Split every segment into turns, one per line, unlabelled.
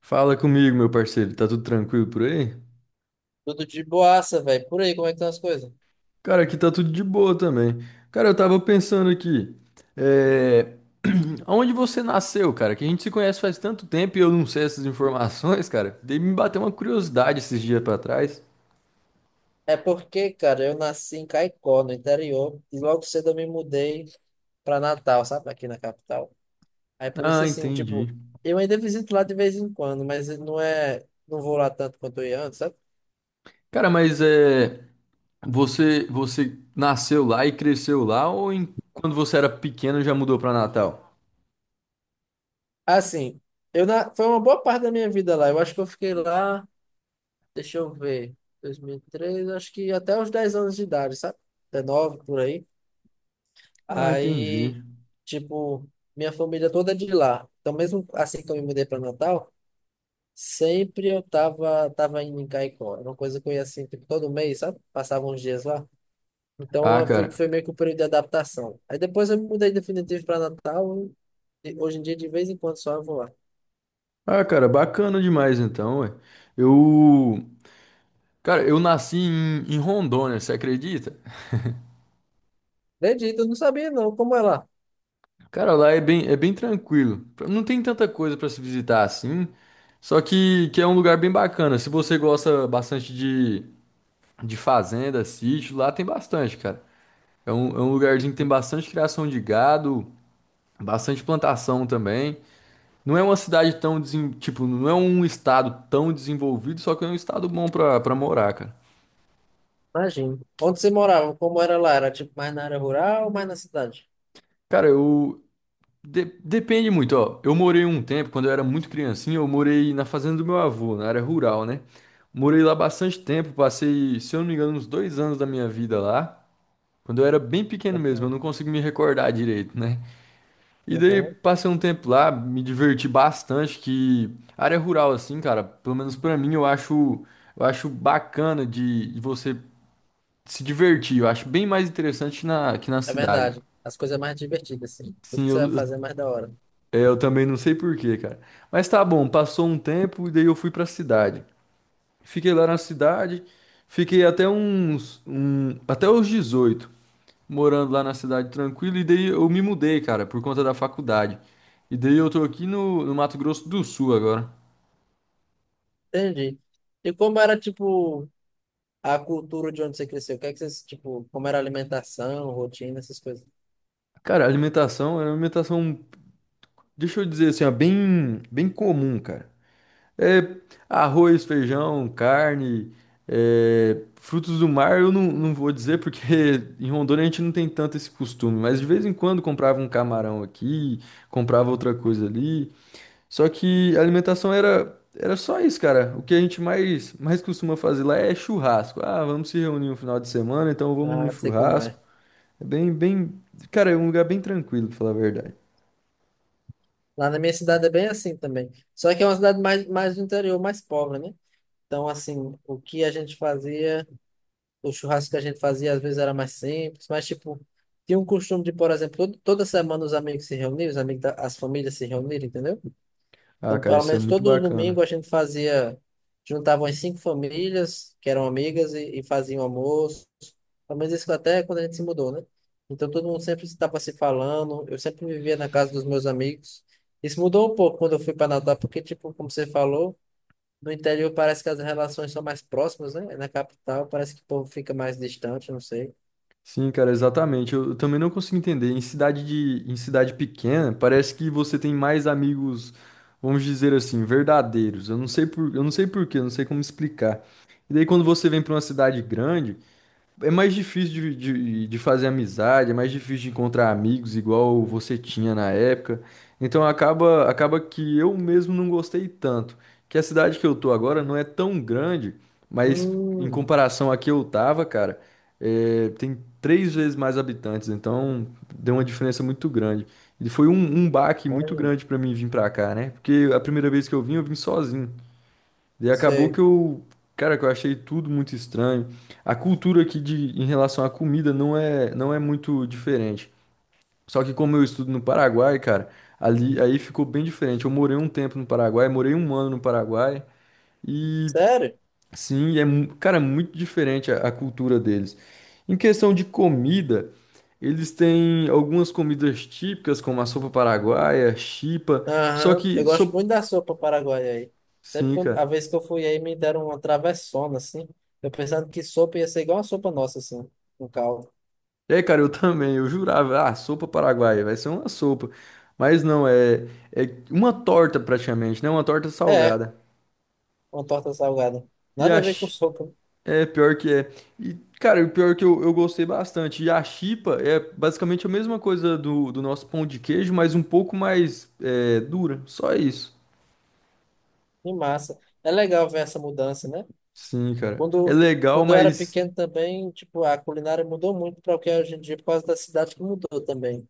Fala comigo, meu parceiro. Tá tudo tranquilo por aí?
Tudo de boaça, velho. Por aí, como é que estão as coisas?
Cara, aqui tá tudo de boa também. Cara, eu tava pensando aqui. É... Onde você nasceu, cara? Que a gente se conhece faz tanto tempo e eu não sei essas informações, cara. Dei me bater uma curiosidade esses dias pra trás.
É porque, cara, eu nasci em Caicó, no interior, e logo cedo eu me mudei pra Natal, sabe? Aqui na capital. Aí por isso,
Ah,
assim, tipo,
entendi.
eu ainda visito lá de vez em quando, mas não é. Não vou lá tanto quanto eu ia antes, sabe?
Cara, mas é... você nasceu lá e cresceu lá ou quando você era pequeno já mudou pra Natal?
Assim, foi uma boa parte da minha vida lá. Eu acho que eu fiquei lá, deixa eu ver, 2003, acho que até os 10 anos de idade, sabe? 19 por aí.
Ah,
Aí,
entendi.
tipo, minha família toda é de lá. Então, mesmo assim que eu me mudei para Natal, sempre eu tava indo em Caicó. Era uma coisa que eu ia assim, tipo, todo mês, sabe? Passava uns dias lá. Então,
Ah,
foi,
cara.
foi meio que um período de adaptação. Aí depois eu me mudei definitivo para Natal. E hoje em dia, de vez em quando, só eu vou lá.
Ah, cara, bacana demais então, ué. Eu... Cara, eu nasci em Rondônia, você acredita?
Acredito, eu não sabia não como é lá.
Cara, lá é bem tranquilo. Não tem tanta coisa pra se visitar assim, só que é um lugar bem bacana. Se você gosta bastante de fazenda, sítio, lá tem bastante, cara. É um lugarzinho que tem bastante criação de gado, bastante plantação também. Não é uma cidade tão, tipo, não é um estado tão desenvolvido, só que é um estado bom pra morar, cara.
Imagino. Onde você morava? Como era lá? Era tipo mais na área rural ou mais na cidade?
Cara, depende muito, ó. Eu morei um tempo, quando eu era muito criancinha, eu morei na fazenda do meu avô, na área rural, né? Morei lá bastante tempo, passei, se eu não me engano, uns 2 anos da minha vida lá. Quando eu era bem pequeno mesmo, eu não
Uhum,
consigo me recordar direito, né? E daí
uhum.
passei um tempo lá, me diverti bastante, que área rural, assim, cara, pelo menos pra mim, eu acho bacana de você se divertir. Eu acho bem mais interessante na, que na
É
cidade.
verdade. As coisas mais divertidas, assim. Tudo
Sim,
que você vai fazer é mais da hora.
Eu também não sei por quê, cara. Mas tá bom, passou um tempo e daí eu fui pra cidade. Fiquei lá na cidade, fiquei até até os 18, morando lá na cidade tranquilo, e daí eu me mudei, cara, por conta da faculdade. E daí eu tô aqui no Mato Grosso do Sul agora.
Entendi. E como era, tipo, a cultura de onde você cresceu? O que é que vocês, tipo, como era a alimentação, rotina, essas coisas?
Cara, a alimentação é uma alimentação, deixa eu dizer assim, ó, bem, bem comum, cara. É, arroz, feijão, carne, frutos do mar, eu não vou dizer porque em Rondônia a gente não tem tanto esse costume, mas de vez em quando comprava um camarão aqui, comprava outra coisa ali. Só que a alimentação era, era só isso, cara. O que a gente mais costuma fazer lá é churrasco. Ah, vamos se reunir no final de semana, então vamos no
Ah, sei como
churrasco.
é.
É bem, bem, cara, é um lugar bem tranquilo, pra falar a verdade.
Lá na minha cidade é bem assim também. Só que é uma cidade mais do interior, mais pobre, né? Então, assim, o que a gente fazia, o churrasco que a gente fazia, às vezes era mais simples, mas, tipo, tinha um costume de, por exemplo, toda semana os amigos se reunirem, as famílias se reunirem, entendeu?
Ah,
Então,
cara,
pelo
isso é
menos
muito
todo domingo
bacana.
a gente fazia, juntava umas cinco famílias que eram amigas e faziam almoço. Pelo menos isso até quando a gente se mudou, né? Então todo mundo sempre estava se falando. Eu sempre vivia na casa dos meus amigos. Isso mudou um pouco quando eu fui para Natal, porque, tipo, como você falou, no interior parece que as relações são mais próximas, né? É. Na capital parece que o povo fica mais distante, não sei.
Sim, cara, exatamente. Eu também não consigo entender. Em cidade pequena, parece que você tem mais amigos, vamos dizer assim, verdadeiros. Eu não sei por quê, eu não sei como explicar. E daí quando você vem para uma cidade grande, é mais difícil de fazer amizade, é mais difícil de encontrar amigos igual você tinha na época. Então acaba que eu mesmo não gostei tanto. Que a cidade que eu tô agora não é tão grande, mas em
Hum,
comparação a que eu tava, cara, tem 3 vezes mais habitantes, então deu uma diferença muito grande. E foi um baque muito
imagina.
grande pra mim vir pra cá, né? Porque a primeira vez que eu vim sozinho. E acabou
Sei.
cara, que eu achei tudo muito estranho. A cultura em relação à comida não é muito diferente. Só que como eu estudo no Paraguai, cara, ali aí ficou bem diferente. Eu morei um tempo no Paraguai, morei 1 ano no Paraguai e
Sério?
sim, cara, muito diferente a cultura deles. Em questão de comida, eles têm algumas comidas típicas como a sopa paraguaia, chipa, só
Aham, eu
que
gosto
so,
muito da sopa paraguaia aí.
sim,
A
cara.
vez que eu fui aí, me deram uma travessona, assim. Eu pensando que sopa ia ser igual a sopa nossa, assim, com caldo.
É, cara, eu também. Eu jurava, ah, sopa paraguaia, vai ser uma sopa. Mas não, é uma torta praticamente, né? Uma torta
É,
salgada.
uma torta salgada.
E
Nada
a,
a ver com
chi-
sopa,
é pior que é. E, cara, o pior que eu gostei bastante. E a chipa é basicamente a mesma coisa do nosso pão de queijo, mas um pouco mais dura. Só isso.
e massa. É legal ver essa mudança, né?
Sim, cara. É
Quando,
legal,
quando eu era
mas.
pequeno também, tipo, a culinária mudou muito para o que é hoje em dia, por causa da cidade que mudou também.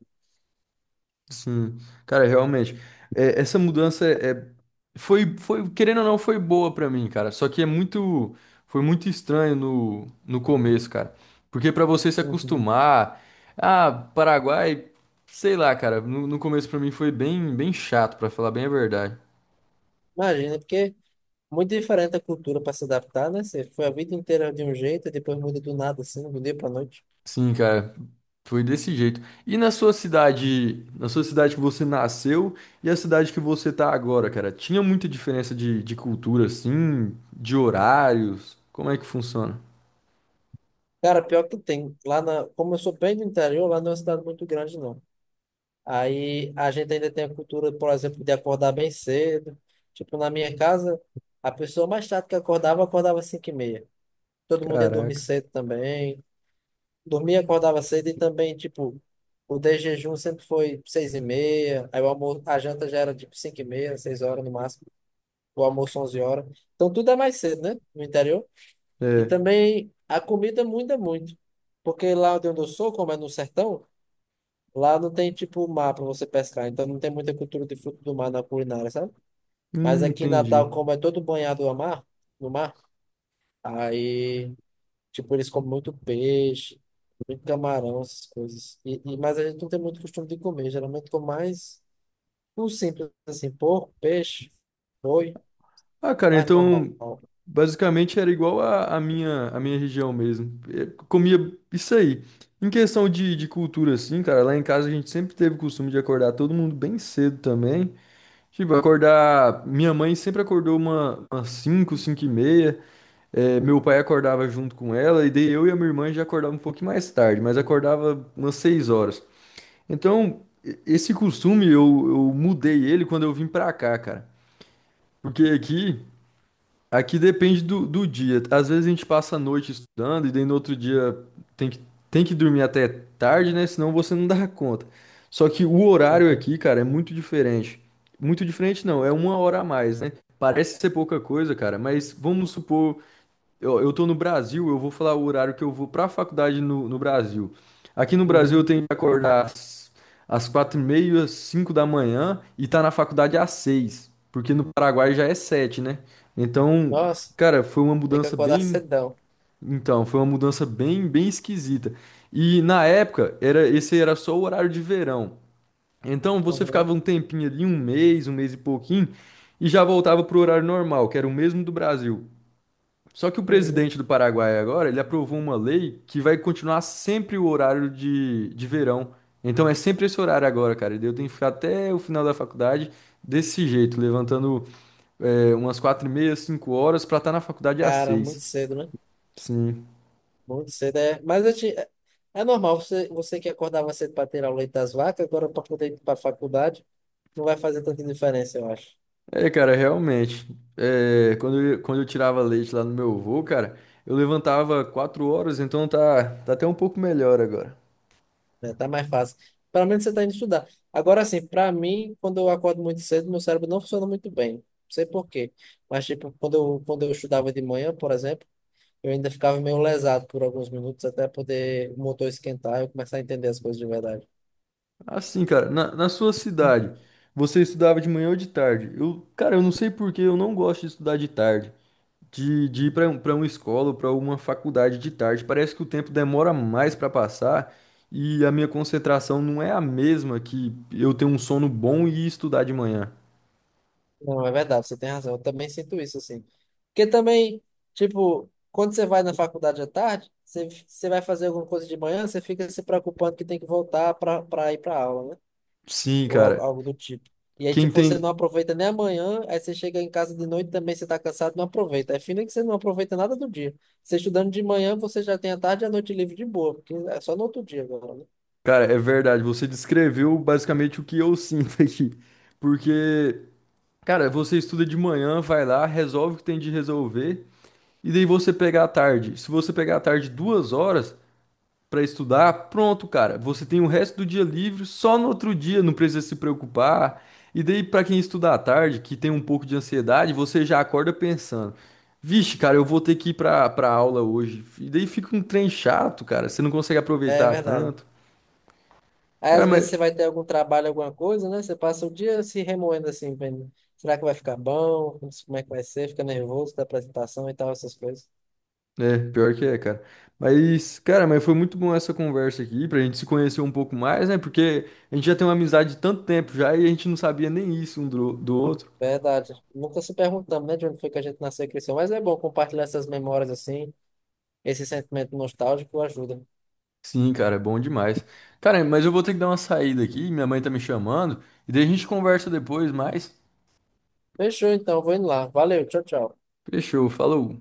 Sim, cara, realmente. É, essa mudança é, foi, foi, querendo ou não, foi boa pra mim, cara. Só que foi muito estranho no começo, cara. Porque pra você se
Uhum.
acostumar, ah, Paraguai, sei lá, cara, no começo pra mim foi bem, bem chato, pra falar bem a verdade.
Imagina, porque muito diferente a cultura para se adaptar, né? Você foi a vida inteira de um jeito e depois muda do nada, assim, do dia para noite.
Sim, cara, foi desse jeito. E na sua cidade, que você nasceu e a cidade que você tá agora, cara, tinha muita diferença de cultura, assim, de horários? Como é que funciona?
Cara, pior que tem. Como eu sou bem do interior, lá não é uma cidade muito grande, não. Aí a gente ainda tem a cultura, por exemplo, de acordar bem cedo. Tipo, na minha casa, a pessoa mais tarde que acordava, acordava às 5h30. Todo mundo ia dormir
Caraca.
cedo também. Dormia, acordava cedo e também, tipo, o de jejum sempre foi 6h30. Aí o almoço, a janta já era tipo 5h30, 6h no máximo. O almoço 11h. Então tudo é mais cedo, né? No interior. E
É,
também a comida muda muito. Porque lá onde eu sou, como é no sertão, lá não tem tipo mar para você pescar. Então não tem muita cultura de fruto do mar na culinária, sabe? Mas aqui em
entendi.
Natal, como é todo banhado a mar, no mar, aí tipo eles comem muito peixe, muito camarão, essas coisas. Mas a gente não tem muito costume de comer. Geralmente com mais o simples, assim, porco, peixe, boi,
Ah, cara,
carne normal.
então basicamente era igual a minha região mesmo. É, comia isso aí. Em questão de cultura, assim, cara, lá em casa a gente sempre teve o costume de acordar todo mundo bem cedo também. Tipo, acordar. Minha mãe sempre acordou umas cinco e meia. É, meu pai acordava junto com ela, e daí eu e a minha irmã já acordava um pouquinho mais tarde, mas acordava umas 6 horas. Então, esse costume eu mudei ele quando eu vim pra cá, cara. Porque aqui, Aqui depende do dia. Às vezes a gente passa a noite estudando e daí no outro dia tem que, tem que dormir até tarde, né? Senão você não dá conta. Só que o horário
Uhum.
aqui, cara, é muito diferente. Muito diferente não, é uma hora a mais, né? Parece ser pouca coisa, cara, mas vamos supor eu tô no Brasil, eu vou falar o horário que eu vou pra faculdade no Brasil. Aqui no Brasil eu
Uhum.
tenho que acordar às 4h30, 5 da manhã e tá na faculdade às 6, porque no Paraguai já é 7, né? Então,
Nossa,
cara, foi uma
tem que
mudança
acordar
bem,
cedão.
então, foi uma mudança bem, bem esquisita. E na época era só o horário de verão. Então você
Uhum,
ficava um tempinho ali, um mês e pouquinho, e já voltava pro horário normal, que era o mesmo do Brasil. Só que o
uhum.
presidente do Paraguai agora, ele aprovou uma lei que vai continuar sempre o horário de verão. Então é sempre esse horário agora, cara. E eu tenho que ficar até o final da faculdade desse jeito, levantando umas 4h30, 5 horas pra estar na faculdade às
Cara, muito
seis.
cedo, né?
Sim.
Muito cedo é. É normal, você que acordava cedo para ter o leite das vacas, agora para poder ir para a faculdade, não vai fazer tanta diferença, eu acho.
É, cara, realmente. É, quando eu tirava leite lá no meu avô, cara, eu levantava 4 horas, então tá, tá até um pouco melhor agora.
Né? Tá mais fácil. Pelo menos você está indo estudar. Agora, assim, para mim, quando eu acordo muito cedo, meu cérebro não funciona muito bem. Não sei por quê. Mas, tipo, quando eu estudava de manhã, por exemplo, eu ainda ficava meio lesado por alguns minutos até poder o motor esquentar e eu começar a entender as coisas de verdade.
Assim, cara, na sua cidade, você estudava de manhã ou de tarde? Eu, cara, eu não sei por que eu não gosto de estudar de tarde. De ir para uma escola ou para uma faculdade de tarde. Parece que o tempo demora mais para passar e a minha concentração não é a mesma que eu ter um sono bom e estudar de manhã.
Não, é verdade, você tem razão. Eu também sinto isso, assim. Porque também, tipo, quando você vai na faculdade à tarde, você vai fazer alguma coisa de manhã, você fica se preocupando que tem que voltar pra ir pra aula, né?
Sim,
Ou algo,
cara.
algo do tipo. E aí,
Quem
tipo, você
tem.
não aproveita nem amanhã, aí você chega em casa de noite também, você tá cansado, não aproveita. É fino que você não aproveita nada do dia. Você estudando de manhã, você já tem a tarde e a noite livre de boa, porque é só no outro dia agora, né?
Cara, é verdade. Você descreveu basicamente o que eu sinto aqui. Porque, cara, você estuda de manhã, vai lá, resolve o que tem de resolver. E daí você pegar à tarde. Se você pegar à tarde 2 horas para estudar, pronto, cara. Você tem o resto do dia livre, só no outro dia, não precisa se preocupar. E daí, para quem estuda à tarde, que tem um pouco de ansiedade, você já acorda pensando: vixe, cara, eu vou ter que ir pra aula hoje. E daí fica um trem chato, cara. Você não consegue
É
aproveitar
verdade.
tanto.
Aí
Cara,
às
mas
vezes você vai ter algum trabalho, alguma coisa, né? Você passa o dia se remoendo assim, vendo. Será que vai ficar bom? Como é que vai ser? Fica nervoso da apresentação e tal, essas coisas.
É, pior que é, cara. Mas, cara, mas foi muito bom essa conversa aqui, pra gente se conhecer um pouco mais, né? Porque a gente já tem uma amizade de tanto tempo já e a gente não sabia nem isso um do outro.
Verdade. Nunca se perguntamos, né, de onde foi que a gente nasceu e cresceu. Mas é bom compartilhar essas memórias assim, esse sentimento nostálgico ajuda.
Sim, cara, é bom demais. Cara, mas eu vou ter que dar uma saída aqui, minha mãe tá me chamando, e daí a gente conversa depois, mas
Fechou então, vou indo lá. Valeu, tchau, tchau.
fechou, falou.